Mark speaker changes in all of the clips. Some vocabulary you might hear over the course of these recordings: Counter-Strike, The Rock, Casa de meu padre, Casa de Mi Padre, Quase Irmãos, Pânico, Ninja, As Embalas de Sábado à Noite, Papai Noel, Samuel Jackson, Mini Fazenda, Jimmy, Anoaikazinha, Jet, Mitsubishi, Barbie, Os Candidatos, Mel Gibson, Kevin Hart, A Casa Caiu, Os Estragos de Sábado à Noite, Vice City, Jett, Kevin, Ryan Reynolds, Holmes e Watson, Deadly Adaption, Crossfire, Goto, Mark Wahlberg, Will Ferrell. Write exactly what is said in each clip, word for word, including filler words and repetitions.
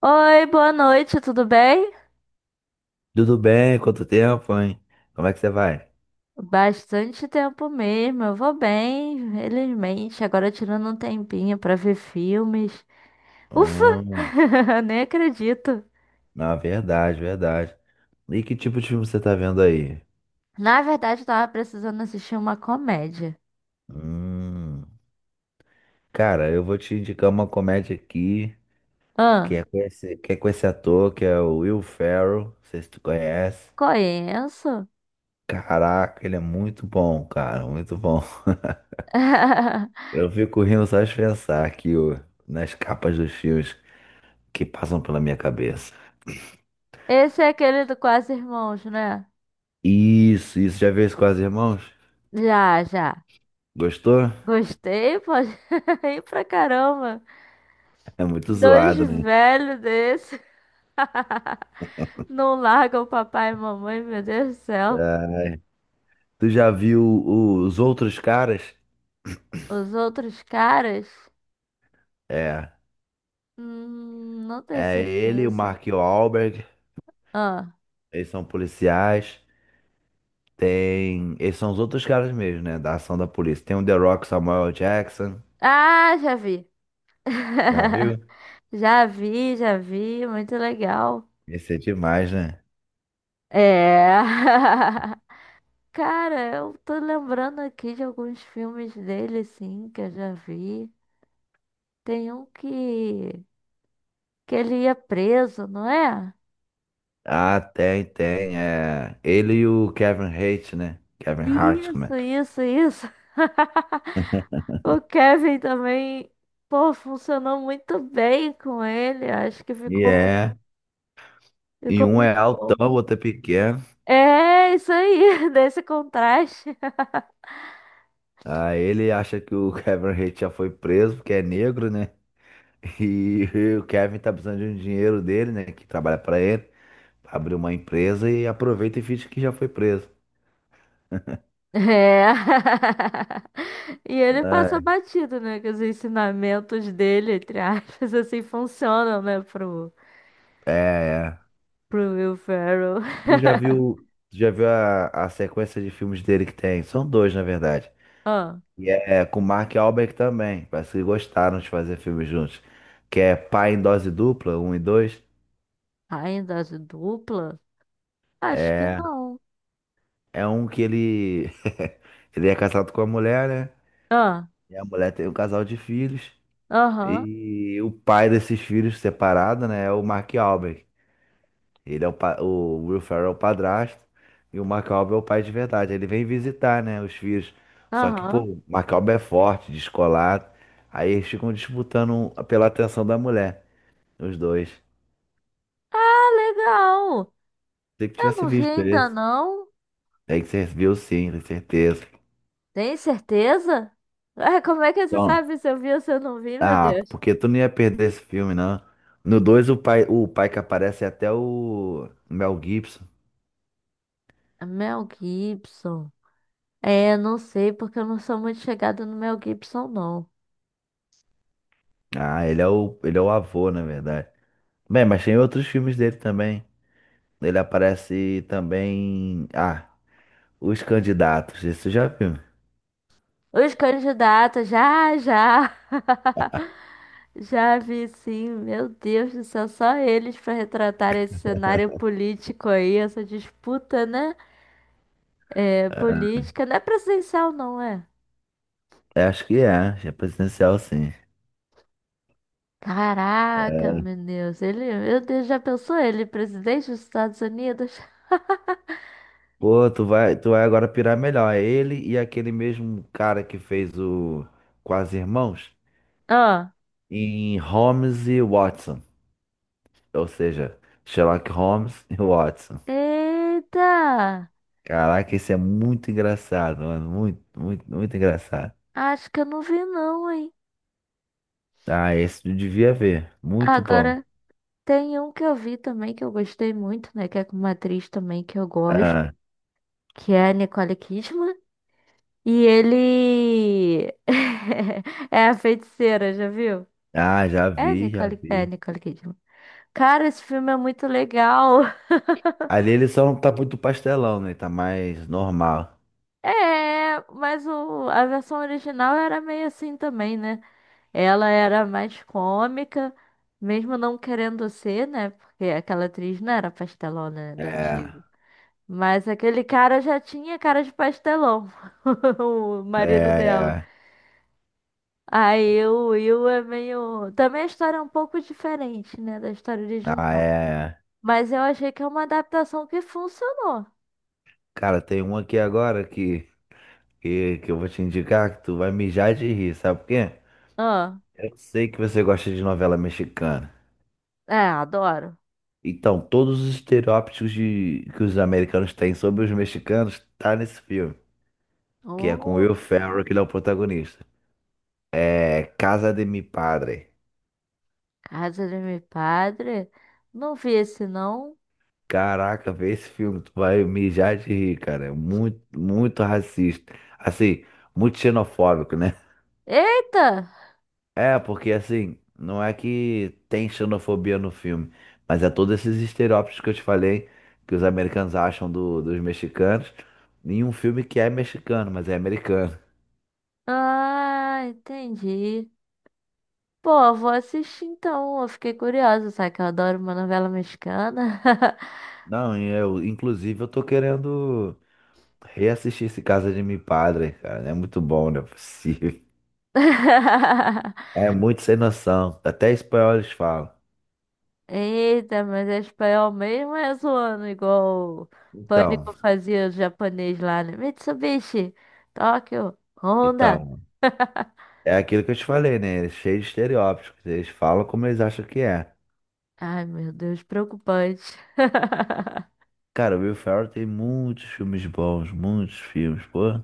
Speaker 1: Oi, boa noite, tudo bem?
Speaker 2: Tudo bem? Quanto tempo, hein? Como é que você vai?
Speaker 1: Bastante tempo mesmo, eu vou bem, felizmente. Agora tirando um tempinho pra ver filmes. Ufa!
Speaker 2: Hum,
Speaker 1: Nem acredito.
Speaker 2: não, verdade, verdade. E que tipo de filme você tá vendo aí?
Speaker 1: Na verdade, eu tava precisando assistir uma comédia.
Speaker 2: Hum, Cara, eu vou te indicar uma comédia aqui que
Speaker 1: Ah,
Speaker 2: é com esse, que é com esse ator, que é o Will Ferrell. Não sei se tu conhece.
Speaker 1: conheço?
Speaker 2: Caraca, ele é muito bom, cara, muito bom. Eu fico rindo só de pensar aqui, ó, nas capas dos filmes que passam pela minha cabeça.
Speaker 1: Esse é aquele do Quase Irmãos, né?
Speaker 2: Isso, isso. Já viu isso com as irmãos?
Speaker 1: Já, já.
Speaker 2: Gostou?
Speaker 1: Gostei, pô. Ri pra caramba.
Speaker 2: É muito
Speaker 1: Dois
Speaker 2: zoado, né?
Speaker 1: velhos desse. Não largam o papai e mamãe, meu Deus do céu.
Speaker 2: Tu já viu os outros caras?
Speaker 1: Os outros caras?
Speaker 2: É.
Speaker 1: Hum, não tenho
Speaker 2: É ele, o
Speaker 1: certeza.
Speaker 2: Mark Wahlberg.
Speaker 1: Ah,
Speaker 2: Eles são policiais. Tem. Eles são os outros caras mesmo, né? Da ação da polícia. Tem o The Rock Samuel Jackson.
Speaker 1: ah, já vi.
Speaker 2: Já viu?
Speaker 1: Já vi, já vi. Muito legal.
Speaker 2: Esse é demais, né?
Speaker 1: É. Cara, eu tô lembrando aqui de alguns filmes dele, sim, que eu já vi. Tem um que, que ele ia preso, não é?
Speaker 2: Ah, tem, tem. É. Ele e o Kevin Hart, né? Kevin Hart, como é?
Speaker 1: Isso, isso, isso. O Kevin também, pô, funcionou muito bem com ele. Acho que
Speaker 2: E
Speaker 1: ficou.
Speaker 2: é. E
Speaker 1: Ficou
Speaker 2: um é
Speaker 1: muito bom.
Speaker 2: altão, o outro é pequeno.
Speaker 1: É, isso aí, desse contraste.
Speaker 2: Aí ele acha que o Kevin Hart já foi preso, porque é negro, né? E o Kevin tá precisando de um dinheiro dele, né? Que trabalha pra ele, pra abrir uma empresa e aproveita e finge que já foi preso.
Speaker 1: É. E ele passa batido, né? Que os ensinamentos dele, entre aspas, assim, funcionam, né? Pro,
Speaker 2: É, é.
Speaker 1: pro Will Ferrell.
Speaker 2: Tu já viu, tu já viu a, a sequência de filmes dele que tem? São dois, na verdade.
Speaker 1: Ah,
Speaker 2: E é é com o Mark Wahlberg também. Parece que gostaram de fazer filmes juntos. Que é Pai em Dose Dupla, um e dois.
Speaker 1: ainda de dupla? Acho que
Speaker 2: É,
Speaker 1: não.
Speaker 2: é um que ele, ele é casado com a mulher, né?
Speaker 1: Ah,
Speaker 2: E a mulher tem um casal de filhos.
Speaker 1: aham,
Speaker 2: E o pai desses filhos separado, né, é o Mark Wahlberg. Ele é o, pa- O Will Ferrell é o padrasto e o Mark Wahlberg é o pai de verdade. Ele vem visitar, né, os filhos. Só que, pô,
Speaker 1: aham.
Speaker 2: o Mark Wahlberg é forte, descolado. Aí eles ficam disputando um, pela atenção da mulher, os dois.
Speaker 1: Ah, legal.
Speaker 2: Tem que
Speaker 1: Eu
Speaker 2: tivesse
Speaker 1: não vi
Speaker 2: visto
Speaker 1: ainda,
Speaker 2: esse.
Speaker 1: não.
Speaker 2: Tem que você viu sim, com certeza.
Speaker 1: Tem certeza? Ah, como é que você
Speaker 2: Então,
Speaker 1: sabe se eu vi ou se eu não vi, meu
Speaker 2: ah,
Speaker 1: Deus?
Speaker 2: porque tu não ia perder esse filme, não. No dois o pai, o pai que aparece é até o Mel Gibson.
Speaker 1: É Mel Gibson. É, não sei, porque eu não sou muito chegada no Mel Gibson, não.
Speaker 2: Ah, ele é o, ele é o avô, na verdade. Bem, mas tem outros filmes dele também. Ele aparece também. Ah, Os Candidatos. Isso já viu?
Speaker 1: Os candidatos, já, já. Já vi, sim. Meu Deus do céu, só eles para retratar esse cenário político aí, essa disputa, né? É, política, não é presidencial, não é?
Speaker 2: É, acho que é. É presidencial, sim.
Speaker 1: Caraca, meu Deus, ele, meu Deus, já pensou ele, presidente dos Estados Unidos?
Speaker 2: Pô, tu vai, tu vai agora pirar melhor. É ele e aquele mesmo cara que fez o Quase Irmãos
Speaker 1: Ah,
Speaker 2: em Holmes e Watson. Ou seja, Sherlock Holmes e Watson.
Speaker 1: eita,
Speaker 2: Caraca, esse é muito engraçado, mano. Muito, muito, muito engraçado.
Speaker 1: acho que eu não vi não, hein?
Speaker 2: Ah, esse tu devia ver. Muito bom.
Speaker 1: Agora tem um que eu vi também que eu gostei muito, né? Que é com uma atriz também que eu gosto,
Speaker 2: Ah.
Speaker 1: que é a Nicole Kidman. E ele é a feiticeira, já viu?
Speaker 2: Ah, já
Speaker 1: É
Speaker 2: vi, já
Speaker 1: Nicole, é
Speaker 2: vi.
Speaker 1: Nicole Kidman. Cara, esse filme é muito legal.
Speaker 2: Ali ele só não tá muito pastelão, né? Tá mais normal.
Speaker 1: É, mas o, a versão original era meio assim também, né? Ela era mais cômica, mesmo não querendo ser, né? Porque aquela atriz não era pastelona, né, do
Speaker 2: É,
Speaker 1: antigo. Mas aquele cara já tinha cara de pastelão, o marido
Speaker 2: é,
Speaker 1: dela.
Speaker 2: é.
Speaker 1: Aí o Will é meio. Também a história é um pouco diferente, né, da história
Speaker 2: Ah,
Speaker 1: original.
Speaker 2: é.
Speaker 1: Mas eu achei que é uma adaptação que funcionou.
Speaker 2: Cara, tem um aqui agora que, que, que eu vou te indicar que tu vai mijar de rir, sabe por quê?
Speaker 1: Ah,
Speaker 2: Eu sei que você gosta de novela mexicana.
Speaker 1: é, adoro.
Speaker 2: Então, todos os estereótipos de, que os americanos têm sobre os mexicanos tá nesse filme, que é com
Speaker 1: Oh,
Speaker 2: Will Ferrell, que ele é o protagonista. É Casa de Mi Padre.
Speaker 1: Casa de meu padre. Não vi esse, não.
Speaker 2: Caraca, vê esse filme, tu vai mijar de rir, cara. É muito, muito racista. Assim, muito xenofóbico, né?
Speaker 1: Eita!
Speaker 2: É, porque assim, não é que tem xenofobia no filme, mas é todos esses estereótipos que eu te falei, que os americanos acham do- dos mexicanos, em um filme que é mexicano, mas é americano.
Speaker 1: Ah, entendi. Pô, vou assistir então. Eu fiquei curiosa, sabe que eu adoro uma novela mexicana.
Speaker 2: Não, e eu, inclusive, eu tô querendo reassistir esse Casa de Mi Padre, cara. É muito bom, não é possível. É muito sem noção. Até espanhol eles falam.
Speaker 1: Eita, mas é espanhol mesmo, é zoando igual o
Speaker 2: Então.
Speaker 1: Pânico fazia o japonês lá, né? Mitsubishi, Tóquio, Honda.
Speaker 2: Então, é aquilo que eu te falei, né? Eles cheios de estereótipos. Eles falam como eles acham que é.
Speaker 1: Ai, meu Deus, preocupante.
Speaker 2: Cara, o Will Ferrell tem muitos filmes bons, muitos filmes, pô.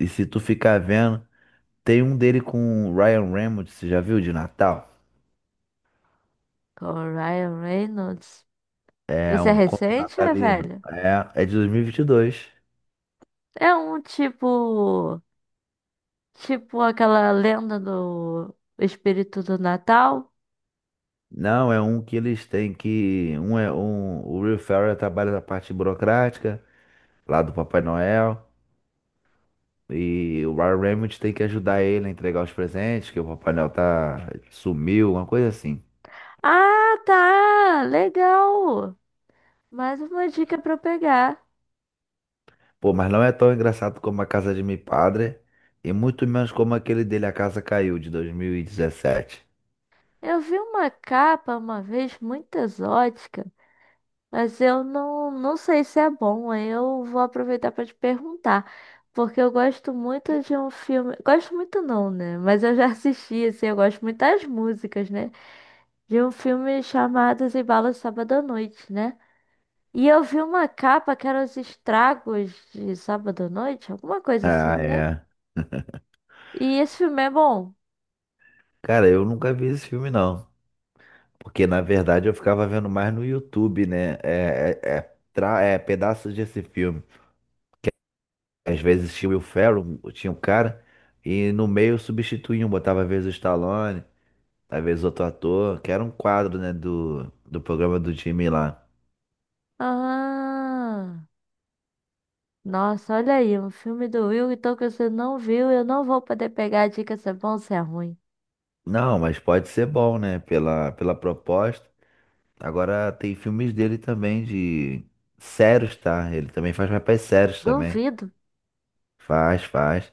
Speaker 2: E se tu ficar vendo, tem um dele com o Ryan Reynolds, você já viu, de Natal?
Speaker 1: Com o Ryan Reynolds.
Speaker 2: É
Speaker 1: Esse é
Speaker 2: um conto
Speaker 1: recente ou é
Speaker 2: natalino.
Speaker 1: velho?
Speaker 2: É, é de dois mil e vinte e dois.
Speaker 1: É um tipo. Tipo aquela lenda do espírito do Natal.
Speaker 2: Não, é um que eles têm que. Um é um. O Will Ferrell trabalha na parte burocrática, lá do Papai Noel. E o Ryan Reynolds tem que ajudar ele a entregar os presentes, que o Papai Noel tá sumiu, uma coisa assim.
Speaker 1: Ah, tá! Legal! Mais uma dica pra eu pegar.
Speaker 2: Pô, mas não é tão engraçado como A Casa de Mi Padre, e muito menos como aquele dele A Casa Caiu, de dois mil e dezessete.
Speaker 1: Eu vi uma capa uma vez muito exótica, mas eu não, não sei se é bom. Aí eu vou aproveitar para te perguntar, porque eu gosto muito de um filme. Gosto muito não, né? Mas eu já assisti, assim, eu gosto muito das músicas, né? De um filme chamado As Embalas de Sábado à Noite, né? E eu vi uma capa que era Os Estragos de Sábado à Noite, alguma coisa assim,
Speaker 2: Ah,
Speaker 1: né?
Speaker 2: é.
Speaker 1: E esse filme é bom.
Speaker 2: Cara, eu nunca vi esse filme, não. Porque, na verdade, eu ficava vendo mais no YouTube, né? É, é, é, tra- é pedaços desse filme. Às vezes tinha o Will Ferrell, tinha o cara, e no meio substituíam, botava às vezes o Stallone. Às vezes outro ator, que era um quadro, né, do, do programa do Jimmy lá.
Speaker 1: Ah. Nossa, olha aí, um filme do Will, então que você não viu, eu não vou poder pegar a dica se é bom ou se é ruim.
Speaker 2: Não, mas pode ser bom, né, pela, pela proposta. Agora tem filmes dele também de sérios, tá? Ele também faz papéis sérios também.
Speaker 1: Duvido.
Speaker 2: Faz, faz.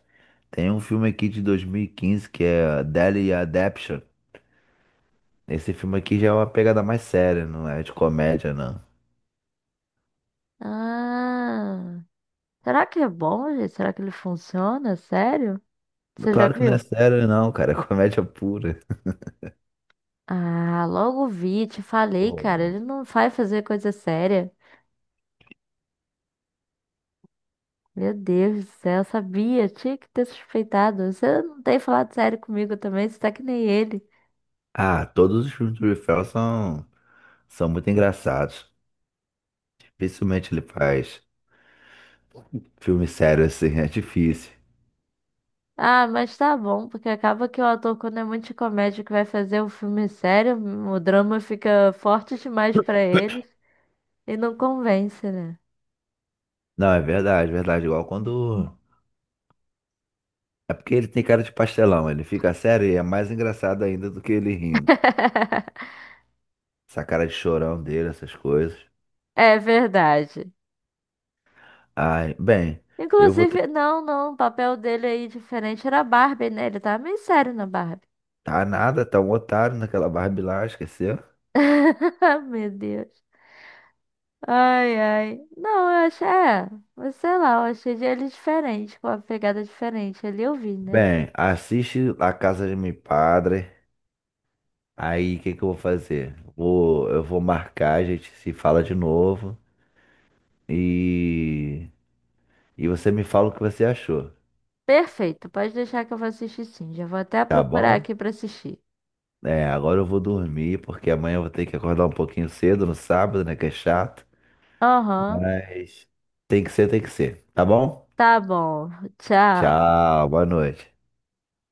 Speaker 2: Tem um filme aqui de dois mil e quinze que é Deadly Adaption. Esse filme aqui já é uma pegada mais séria, não é de comédia, não.
Speaker 1: Ah, será que é bom, gente? Será que ele funciona? Sério? Você já
Speaker 2: Claro que não é
Speaker 1: viu?
Speaker 2: sério, não, cara. É comédia pura.
Speaker 1: Ah, logo vi, te falei,
Speaker 2: Pô,
Speaker 1: cara, ele não vai fazer coisa séria. Meu Deus do céu, eu sabia, tinha que ter suspeitado. Você não tem falado sério comigo também, você tá que nem ele.
Speaker 2: Ah, todos os filmes do Will Ferrell são, são muito engraçados. Dificilmente ele faz filme sério assim, é difícil.
Speaker 1: Ah, mas tá bom, porque acaba que o ator, quando é muito de comédia que vai fazer um filme sério, o drama fica forte demais pra ele e não convence, né?
Speaker 2: Não, é verdade, é verdade. Igual quando. É porque ele tem cara de pastelão, ele fica sério e é mais engraçado ainda do que ele rindo. Essa cara de chorão dele, essas coisas.
Speaker 1: É verdade.
Speaker 2: Ai, bem, eu vou ter.
Speaker 1: Inclusive, não, não, o papel dele aí diferente era a Barbie, né? Ele tava meio sério na Barbie.
Speaker 2: Tá nada, tá um otário naquela Barbie lá, esqueceu?
Speaker 1: Meu Deus. Ai, ai. Não, eu achei, é, mas sei lá, eu achei ele diferente, com a pegada diferente. Ali eu vi, né?
Speaker 2: Bem, assiste La Casa de Mi Padre. Aí, o que que eu vou fazer? Vou, eu vou marcar, a gente se fala de novo e, e você me fala o que você achou,
Speaker 1: Perfeito, pode deixar que eu vou assistir sim. Já vou até
Speaker 2: tá
Speaker 1: procurar
Speaker 2: bom?
Speaker 1: aqui pra assistir.
Speaker 2: É, agora eu vou dormir, porque amanhã eu vou ter que acordar um pouquinho cedo no sábado, né? Que é chato.
Speaker 1: Aham,
Speaker 2: Mas tem que ser, tem que ser. Tá bom?
Speaker 1: tá bom. Tchau.
Speaker 2: Tchau, boa noite.